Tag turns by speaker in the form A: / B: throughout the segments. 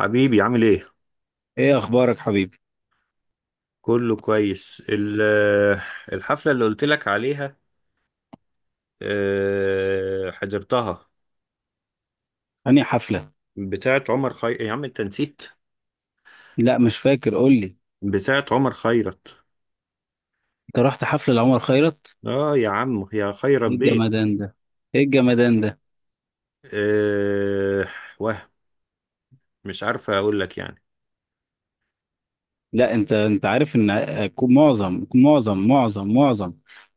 A: حبيبي عامل ايه؟
B: ايه اخبارك حبيبي؟
A: كله كويس الحفلة اللي قلت لك عليها. حضرتها.
B: انهي حفله؟
A: بتاعت يا عم انت نسيت.
B: لا مش فاكر، قول لي.
A: بتاعت عمر خيرت.
B: انت رحت حفله لعمر خيرت؟
A: اه يا عم يا خيرت
B: ايه
A: بيه.
B: الجمدان ده؟ ايه الجمدان ده؟
A: أه... وهم، مش عارفة اقول لك يعني.
B: لا انت عارف ان آه، كو- معظم معظم معظم معظم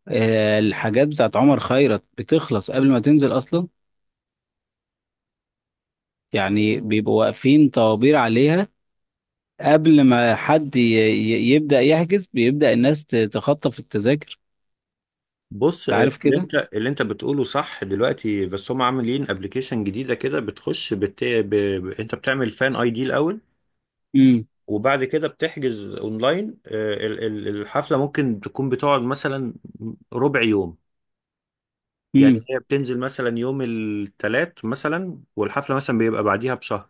B: آه، الحاجات بتاعت عمر خيرت بتخلص قبل ما تنزل اصلا. يعني بيبقوا واقفين طوابير عليها قبل ما حد يبدا يحجز، بيبدا الناس تخطف التذاكر.
A: بص،
B: انت عارف
A: اللي
B: كده.
A: انت اللي انت بتقوله صح دلوقتي، بس هم عاملين ابلكيشن جديدة كده بتخش انت بتعمل فان اي دي الاول.
B: امم
A: وبعد كده بتحجز اونلاين. الحفله ممكن تكون بتقعد مثلا ربع يوم. يعني هي بتنزل مثلا يوم الثلاث مثلا، والحفله مثلا بيبقى بعديها بشهر.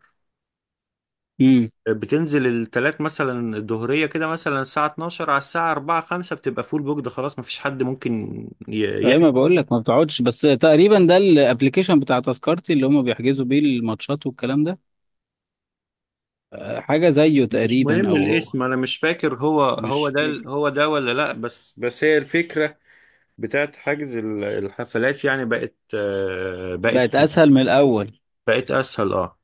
B: امم
A: بتنزل الثلاث مثلا الظهريه كده، مثلا الساعه 12 على الساعه 4 5 بتبقى فول بوك. ده خلاص مفيش حد ممكن
B: ايوه، ما
A: يحجز.
B: بقول لك ما بتقعدش، بس تقريبا ده الابلكيشن بتاع تذكرتي اللي هم بيحجزوا بيه الماتشات والكلام ده. حاجه زيه
A: مش
B: تقريبا
A: مهم
B: او هو.
A: الاسم، انا مش فاكر هو
B: مش
A: ده
B: فاكر.
A: هو ده ولا لا، بس هي الفكره بتاعت حجز الحفلات. يعني بقت، بقت،
B: بقت اسهل من الاول.
A: بقت اسهل اه.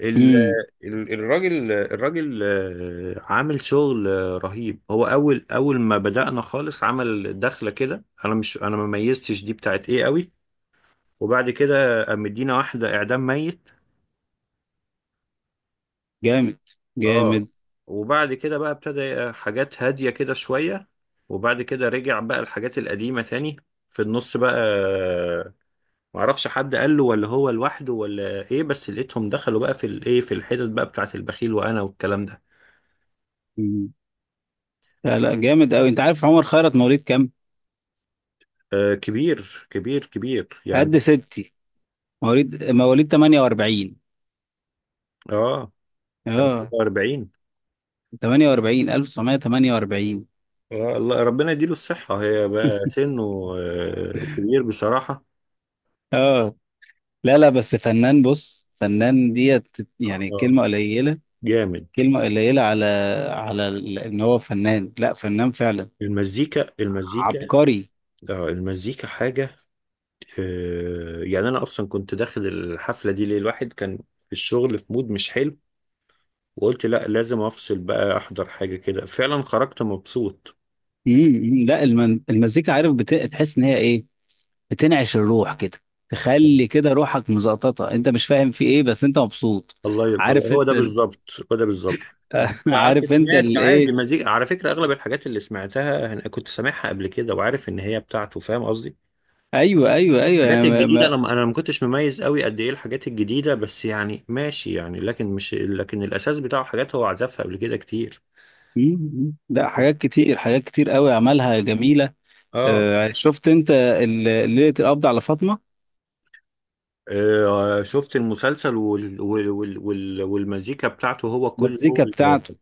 A: ال-
B: امم
A: الراجل عامل شغل رهيب. هو اول ما بدأنا خالص، عمل دخلة كده، انا مش انا ما ميزتش دي بتاعت ايه قوي. وبعد كده قام مدينا واحدة اعدام ميت.
B: جامد،
A: اه.
B: جامد.
A: وبعد كده بقى ابتدى حاجات هادية كده شوية. وبعد كده رجع بقى الحاجات القديمة تاني. في النص بقى، معرفش حد قال له ولا هو لوحده ولا ايه، بس لقيتهم دخلوا بقى في الايه، في الحتت بقى بتاعت البخيل وانا والكلام ده.
B: مم. لا لا، جامد قوي. انت عارف عمر خيرت مواليد كام؟
A: آه، كبير كبير كبير يعني.
B: قد ستي. مواليد 48.
A: اه،
B: اه.
A: 48.
B: 48. 1948.
A: آه الله، ربنا يديله الصحة، هي بقى سنه، آه كبير بصراحة.
B: اه. لا لا، بس فنان، بص، فنان ديت يعني
A: آه،
B: كلمه قليله.
A: جامد.
B: كلمة قليلة على على إن هو فنان. لا، فنان فعلا،
A: المزيكا المزيكا،
B: عبقري.
A: اه المزيكا حاجة. آه، يعني أنا أصلا كنت داخل الحفلة دي ليه، الواحد كان في الشغل في مود مش حلو، وقلت لا لازم أفصل بقى أحضر حاجة، كده فعلا خرجت مبسوط.
B: لا المزيكا، عارف، تحس إن هي إيه، بتنعش الروح كده، تخلي كده روحك مزقططة. أنت مش فاهم في إيه بس أنت مبسوط.
A: الله، يبقى
B: عارف
A: هو
B: أنت
A: ده بالظبط، هو ده بالظبط. انت قعدت
B: عارف أنت
A: سمعت عادي
B: الإيه.
A: مزيكا، على فكرة اغلب الحاجات اللي سمعتها انا كنت سامعها قبل كده وعارف ان هي بتاعته، فاهم قصدي.
B: أيوه أيوه أيوه،
A: الحاجات
B: يعني ما...
A: الجديدة،
B: ما...
A: انا ما كنتش مميز قوي قد ايه الحاجات الجديدة، بس يعني ماشي يعني، لكن مش لكن الاساس بتاعه حاجات هو عزفها قبل كده كتير.
B: لا، حاجات كتير، حاجات كتير قوي عملها جميلة.
A: اه.
B: شفت أنت ليلة القبض على فاطمة؟
A: شفت المسلسل والمزيكا بتاعته، هو كل هو
B: المزيكا بتاعته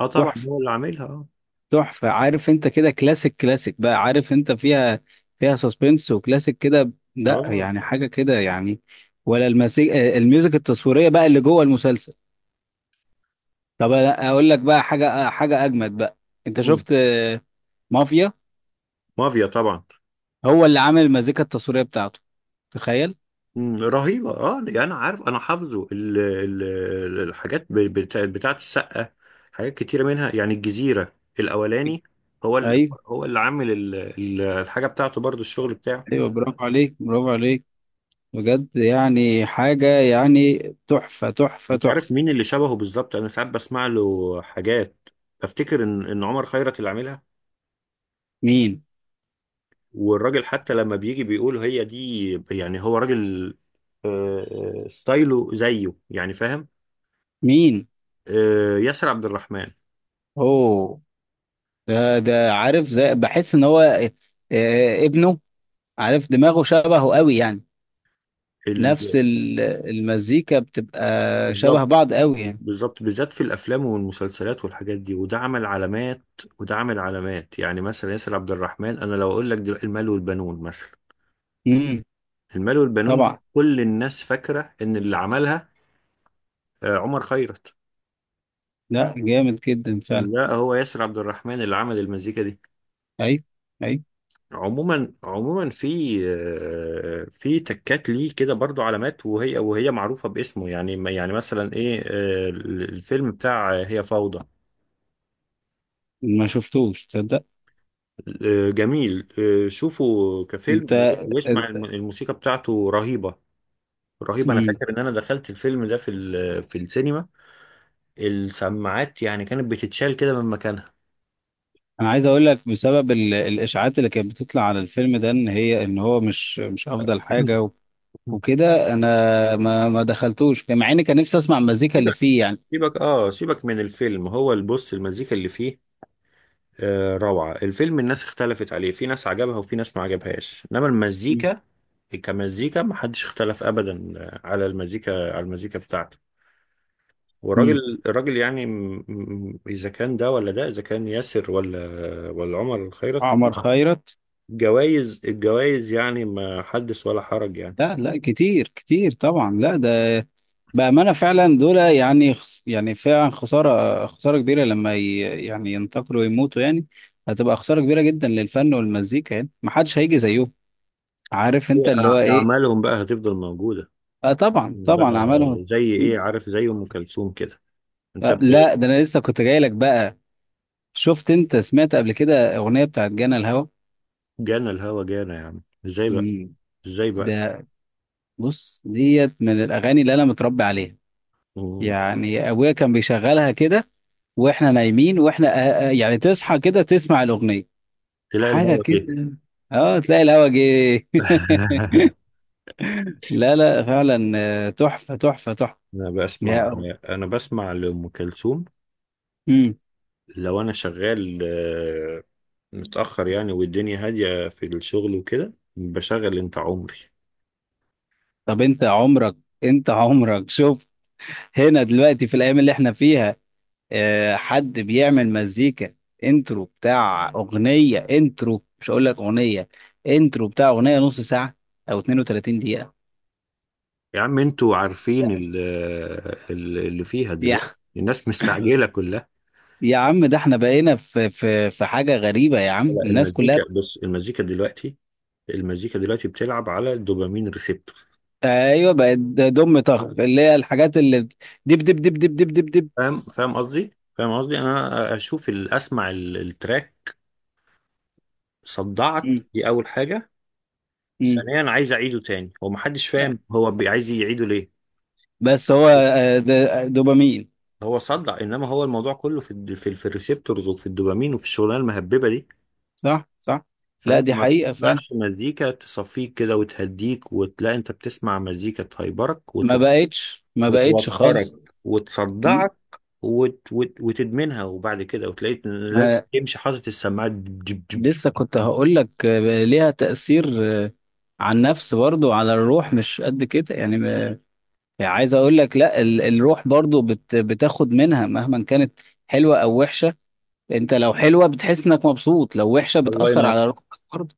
A: اه طبعا
B: تحفة،
A: هو اللي عاملها اه.
B: تحفة. عارف انت كده كلاسيك، كلاسيك بقى. عارف انت فيها، فيها سسبنس وكلاسيك كده، لا
A: اه.
B: يعني حاجة كده يعني. ولا المسيج... آه، الميوزك التصويرية بقى اللي جوه المسلسل. طب أنا اقول لك بقى حاجة، حاجة اجمد بقى. انت
A: مم.
B: شفت مافيا؟
A: مافيا طبعا.
B: هو اللي عامل المزيكا التصويرية بتاعته، تخيل.
A: مم، رهيبة اه. يعني انا عارف، انا حافظه الحاجات بتاعت السقا. حاجات كتيرة منها يعني الجزيرة الاولاني. هو
B: ايوه،
A: هو اللي عامل الحاجة بتاعته برضو، الشغل بتاعه.
B: ايوه، برافو عليك، برافو عليك، بجد يعني حاجة يعني. تحفة، تحفة،
A: انت عارف
B: تحفة.
A: مين اللي شبهه بالظبط؟ انا ساعات بسمع له حاجات افتكر ان عمر خيرت اللي عاملها،
B: مين؟
A: والراجل حتى لما بيجي بيقول هي دي، يعني هو راجل. ستايله زيه يعني، فاهم؟
B: مين؟
A: آه، ياسر عبد الرحمن.
B: اوه. ده عارف، زي بحس ان هو ابنه. عارف دماغه شبهه قوي يعني. نفس
A: ال...
B: المزيكا بتبقى شبه
A: بالظبط
B: بعض قوي يعني.
A: بالظبط، بالذات في الافلام والمسلسلات والحاجات دي، وده عمل علامات. وده عمل علامات. يعني مثلا ياسر عبد الرحمن، انا لو اقول لك دلوقتي المال والبنون مثلا،
B: امم
A: المال والبنون دي
B: طبعا.
A: كل الناس فاكره ان اللي عملها عمر خيرت.
B: لا جامد جدا فعلا.
A: لا، هو ياسر عبد الرحمن اللي عمل المزيكا دي.
B: اي، اي.
A: عموما عموما في في تكات ليه كده برضو، علامات، وهي معروفه باسمه يعني. يعني مثلا ايه، الفيلم بتاع هي فوضى.
B: ما شفتوش، تصدق؟
A: جميل، شوفه
B: انت
A: كفيلم، واسمع
B: انت
A: الموسيقى بتاعته رهيبة، رهيبة. أنا
B: امم
A: فاكر إن أنا دخلت الفيلم ده في في السينما، السماعات يعني كانت بتتشال كده من مكانها.
B: انا عايز اقول لك، بسبب الاشاعات اللي كانت بتطلع على الفيلم ده ان هي ان هو مش افضل حاجه و... وكده انا ما دخلتوش، مع اني كان نفسي اسمع المزيكا اللي
A: سيبك،
B: فيه يعني.
A: سيبك آه، سيبك من الفيلم، هو البص المزيكا اللي فيه، روعة. الفيلم الناس اختلفت عليه، في ناس عجبها وفي ناس ما عجبهاش، إنما المزيكا كمزيكا محدش اختلف أبدا، على المزيكا، على المزيكا بتاعته.
B: امم
A: والراجل يعني اذا كان ده ولا ده، اذا كان ياسر ولا ولا عمر الخيرت،
B: عمر خيرت.
A: الجوائز يعني ما حدث ولا حرج يعني.
B: لا لا، كتير كتير طبعا. لا ده، بأمانة فعلا دول يعني يعني فعلا خسارة، خسارة كبيرة لما يعني ينتقلوا ويموتوا يعني. هتبقى خسارة كبيرة جدا للفن والمزيكا، يعني محدش هيجي زيهم. عارف
A: هي
B: انت اللي هو ايه.
A: اعمالهم بقى هتفضل موجوده
B: اه طبعا،
A: بقى،
B: طبعا اعمالهم.
A: زي
B: م.
A: ايه عارف، زي ام كلثوم كده. انت
B: آه
A: ب-
B: لا، ده انا لسه كنت جاي لك بقى. شفت انت؟ سمعت قبل كده اغنية بتاعت جانا الهوى؟
A: جانا الهوى، جانا، يا عم ازاي بقى،
B: مم.
A: ازاي بقى.
B: ده، بص، ديت من الاغاني اللي انا متربي عليها.
A: م-
B: يعني ابويا كان بيشغلها كده واحنا نايمين. واحنا يعني تصحى كده تسمع الاغنيه،
A: تلاقي
B: حاجه
A: الهوى
B: كده.
A: جه
B: اه، تلاقي الهوا جه. لا لا فعلا، تحفه، تحفه، تحفه.
A: انا بسمع،
B: يا
A: انا بسمع لام كلثوم،
B: امم
A: لو انا شغال متأخر يعني والدنيا هادية في الشغل وكده بشغل انت عمري.
B: طب انت عمرك شوف، هنا دلوقتي في الايام اللي احنا فيها، حد بيعمل مزيكا انترو بتاع اغنيه؟ انترو، مش هقول لك اغنيه، انترو بتاع اغنيه نص ساعه او 32 دقيقه؟
A: يا عم انتوا عارفين اللي فيها
B: لا.
A: دلوقتي الناس مستعجلة كلها.
B: يا عم، ده احنا بقينا في في حاجة غريبة يا عم،
A: لا،
B: الناس
A: المزيكا
B: كلها.
A: بص، المزيكا دلوقتي، المزيكا دلوقتي بتلعب على الدوبامين ريسبتور،
B: ايوه، بقت دم طخ، اللي هي الحاجات اللي دب دب دب دب دب دب دب.
A: فاهم، فاهم قصدي، فاهم قصدي. انا اشوف اسمع التراك، صدعت
B: مم.
A: دي اول حاجة،
B: مم.
A: ثانيا عايز اعيده تاني، هو محدش فاهم هو عايز يعيده ليه.
B: بس هو ده دوبامين.
A: هو صدع، انما هو الموضوع كله في في الريسبتورز وفي الدوبامين وفي الشغلانه المهببه دي.
B: صح، صح. لا
A: فانت
B: دي
A: ما
B: حقيقة فعلا،
A: بتسمعش مزيكا تصفيك كده وتهديك، وتلاقي انت بتسمع مزيكا تهيبرك
B: ما بقتش، ما بقتش
A: وتوترك
B: خالص. مم.
A: وتصدعك وتدمنها، وبعد كده وتلاقيك لازم
B: آه،
A: تمشي حاطط السماعات
B: لسه كنت
A: دب.
B: هقول لك ليها تأثير آه، على النفس برضو، على الروح مش قد كده يعني يعني عايز اقول لك، لا، الروح برضو بتاخد منها مهما كانت، حلوة او وحشة. انت لو حلوه، بتحس انك مبسوط، لو وحشه،
A: الله
B: بتاثر
A: ينور،
B: على روحك برضه.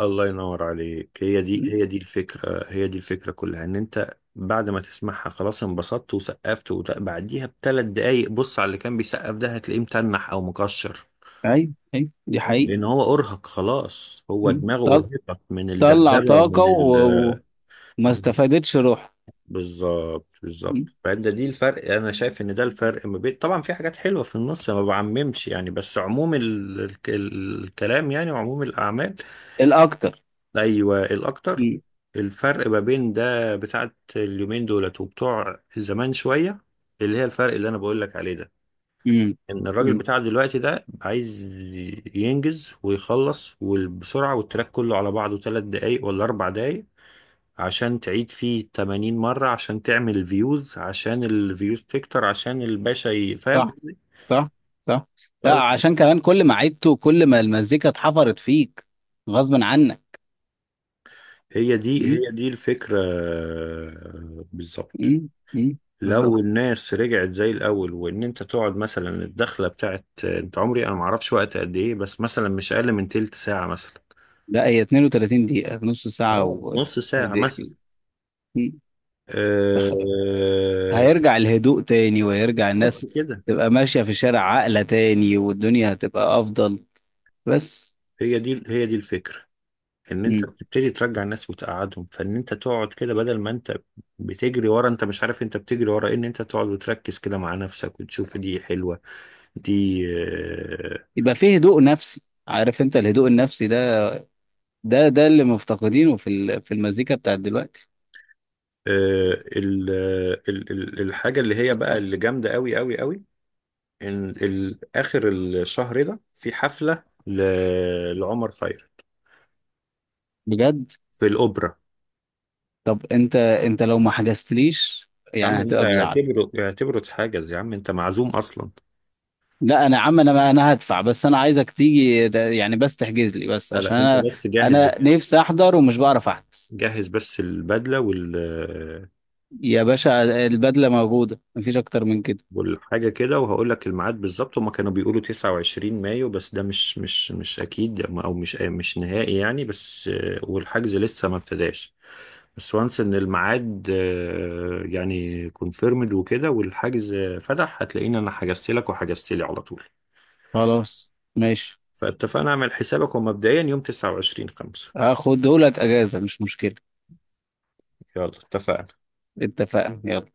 A: الله ينور عليك. هي دي
B: مم.
A: هي دي الفكرة، هي دي الفكرة كلها، ان انت بعد ما تسمعها خلاص انبسطت وسقفت، وبعديها بثلاث دقايق بص على اللي كان بيسقف ده هتلاقيه متنح او مكشر،
B: ايوه، ايوه، دي
A: فاهم؟
B: حقيقه.
A: لان هو ارهق خلاص، هو
B: مم.
A: دماغه ارهقت من
B: طلع
A: الدبدبه
B: طاقه
A: ومن
B: و...
A: ال.
B: و- وما استفادتش روح.
A: بالظبط بالظبط،
B: مم.
A: فده دي الفرق، انا شايف ان ده الفرق ما بين، طبعا في حاجات حلوه في النص، أنا ما بعممش يعني، بس عموم الكلام يعني، وعموم الاعمال.
B: الاكتر.
A: ايوه الاكتر.
B: مم.
A: الفرق ما بين ده بتاعت اليومين دولت وبتوع زمان شويه، اللي هي الفرق اللي انا بقول لك عليه ده،
B: مم.
A: ان الراجل
B: مم.
A: بتاع دلوقتي ده عايز ينجز ويخلص وبسرعة، والتراك كله على بعضه تلات دقايق ولا اربع دقايق، عشان تعيد فيه 80 مرة، عشان تعمل فيوز، عشان الفيوز تكتر، عشان الباشا فاهم
B: صح،
A: قصدي؟
B: صح، صح. لا
A: فال-
B: عشان كمان كل ما عدته، كل ما المزيكا اتحفرت فيك غصب عنك.
A: هي دي
B: مم.
A: هي دي الفكرة، بالظبط.
B: مم. مم. بالظبط.
A: لو الناس رجعت زي الاول، وان انت تقعد مثلا الدخلة بتاعت انت عمري انا معرفش وقت قد ايه، بس مثلا مش اقل من تلت ساعة مثلا.
B: لا، هي 32 دقيقه، نص ساعه
A: اه
B: و...
A: نص ساعة مثلا.
B: ودقيقتين. مم. تخ-
A: آه،
B: هيرجع الهدوء تاني، وهيرجع
A: بالظبط
B: الناس
A: كده.
B: تبقى ماشية في الشارع عاقلة تاني، والدنيا هتبقى أفضل بس.
A: هي دي الفكرة، ان انت
B: مم.
A: بتبتدي ترجع الناس وتقعدهم، فان انت تقعد كده بدل ما انت بتجري ورا، انت مش عارف انت بتجري ورا إيه، ان انت تقعد وتركز كده مع نفسك وتشوف دي حلوة، دي
B: يبقى فيه هدوء نفسي. عارف انت الهدوء النفسي ده؟ ده اللي مفتقدينه في في المزيكا بتاعت دلوقتي.
A: الحاجة اللي هي بقى اللي جامدة قوي قوي قوي، ان اخر الشهر ده في حفلة لعمر خيرت
B: بجد؟
A: في الأوبرا.
B: طب انت لو ما حجزتليش
A: يا عم
B: يعني
A: انت،
B: هتبقى بزعل.
A: اعتبره اتحجز، يا عم انت معزوم اصلا.
B: لا انا يا عم، انا هدفع، بس انا عايزك تيجي يعني بس تحجز لي بس،
A: لا
B: عشان
A: لا، انت
B: انا
A: بس جهز،
B: انا نفسي احضر ومش بعرف احجز.
A: جهز بس البدله وال
B: يا باشا، البدلة موجودة، مفيش اكتر من كده.
A: والحاجه كده. وهقول لك الميعاد بالظبط، هما كانوا بيقولوا 29 مايو، بس ده مش اكيد او مش نهائي يعني، بس والحجز لسه ما ابتداش. بس وانس ان الميعاد يعني كونفيرمد وكده، والحجز فتح هتلاقيني انا حجزت لك وحجزت لي على طول.
B: خلاص، ماشي.
A: فاتفقنا اعمل حسابك، ومبدئيا يوم 29 5.
B: هاخدهولك اجازه، مش مشكله.
A: يلا اتفقنا.
B: اتفقنا يلا.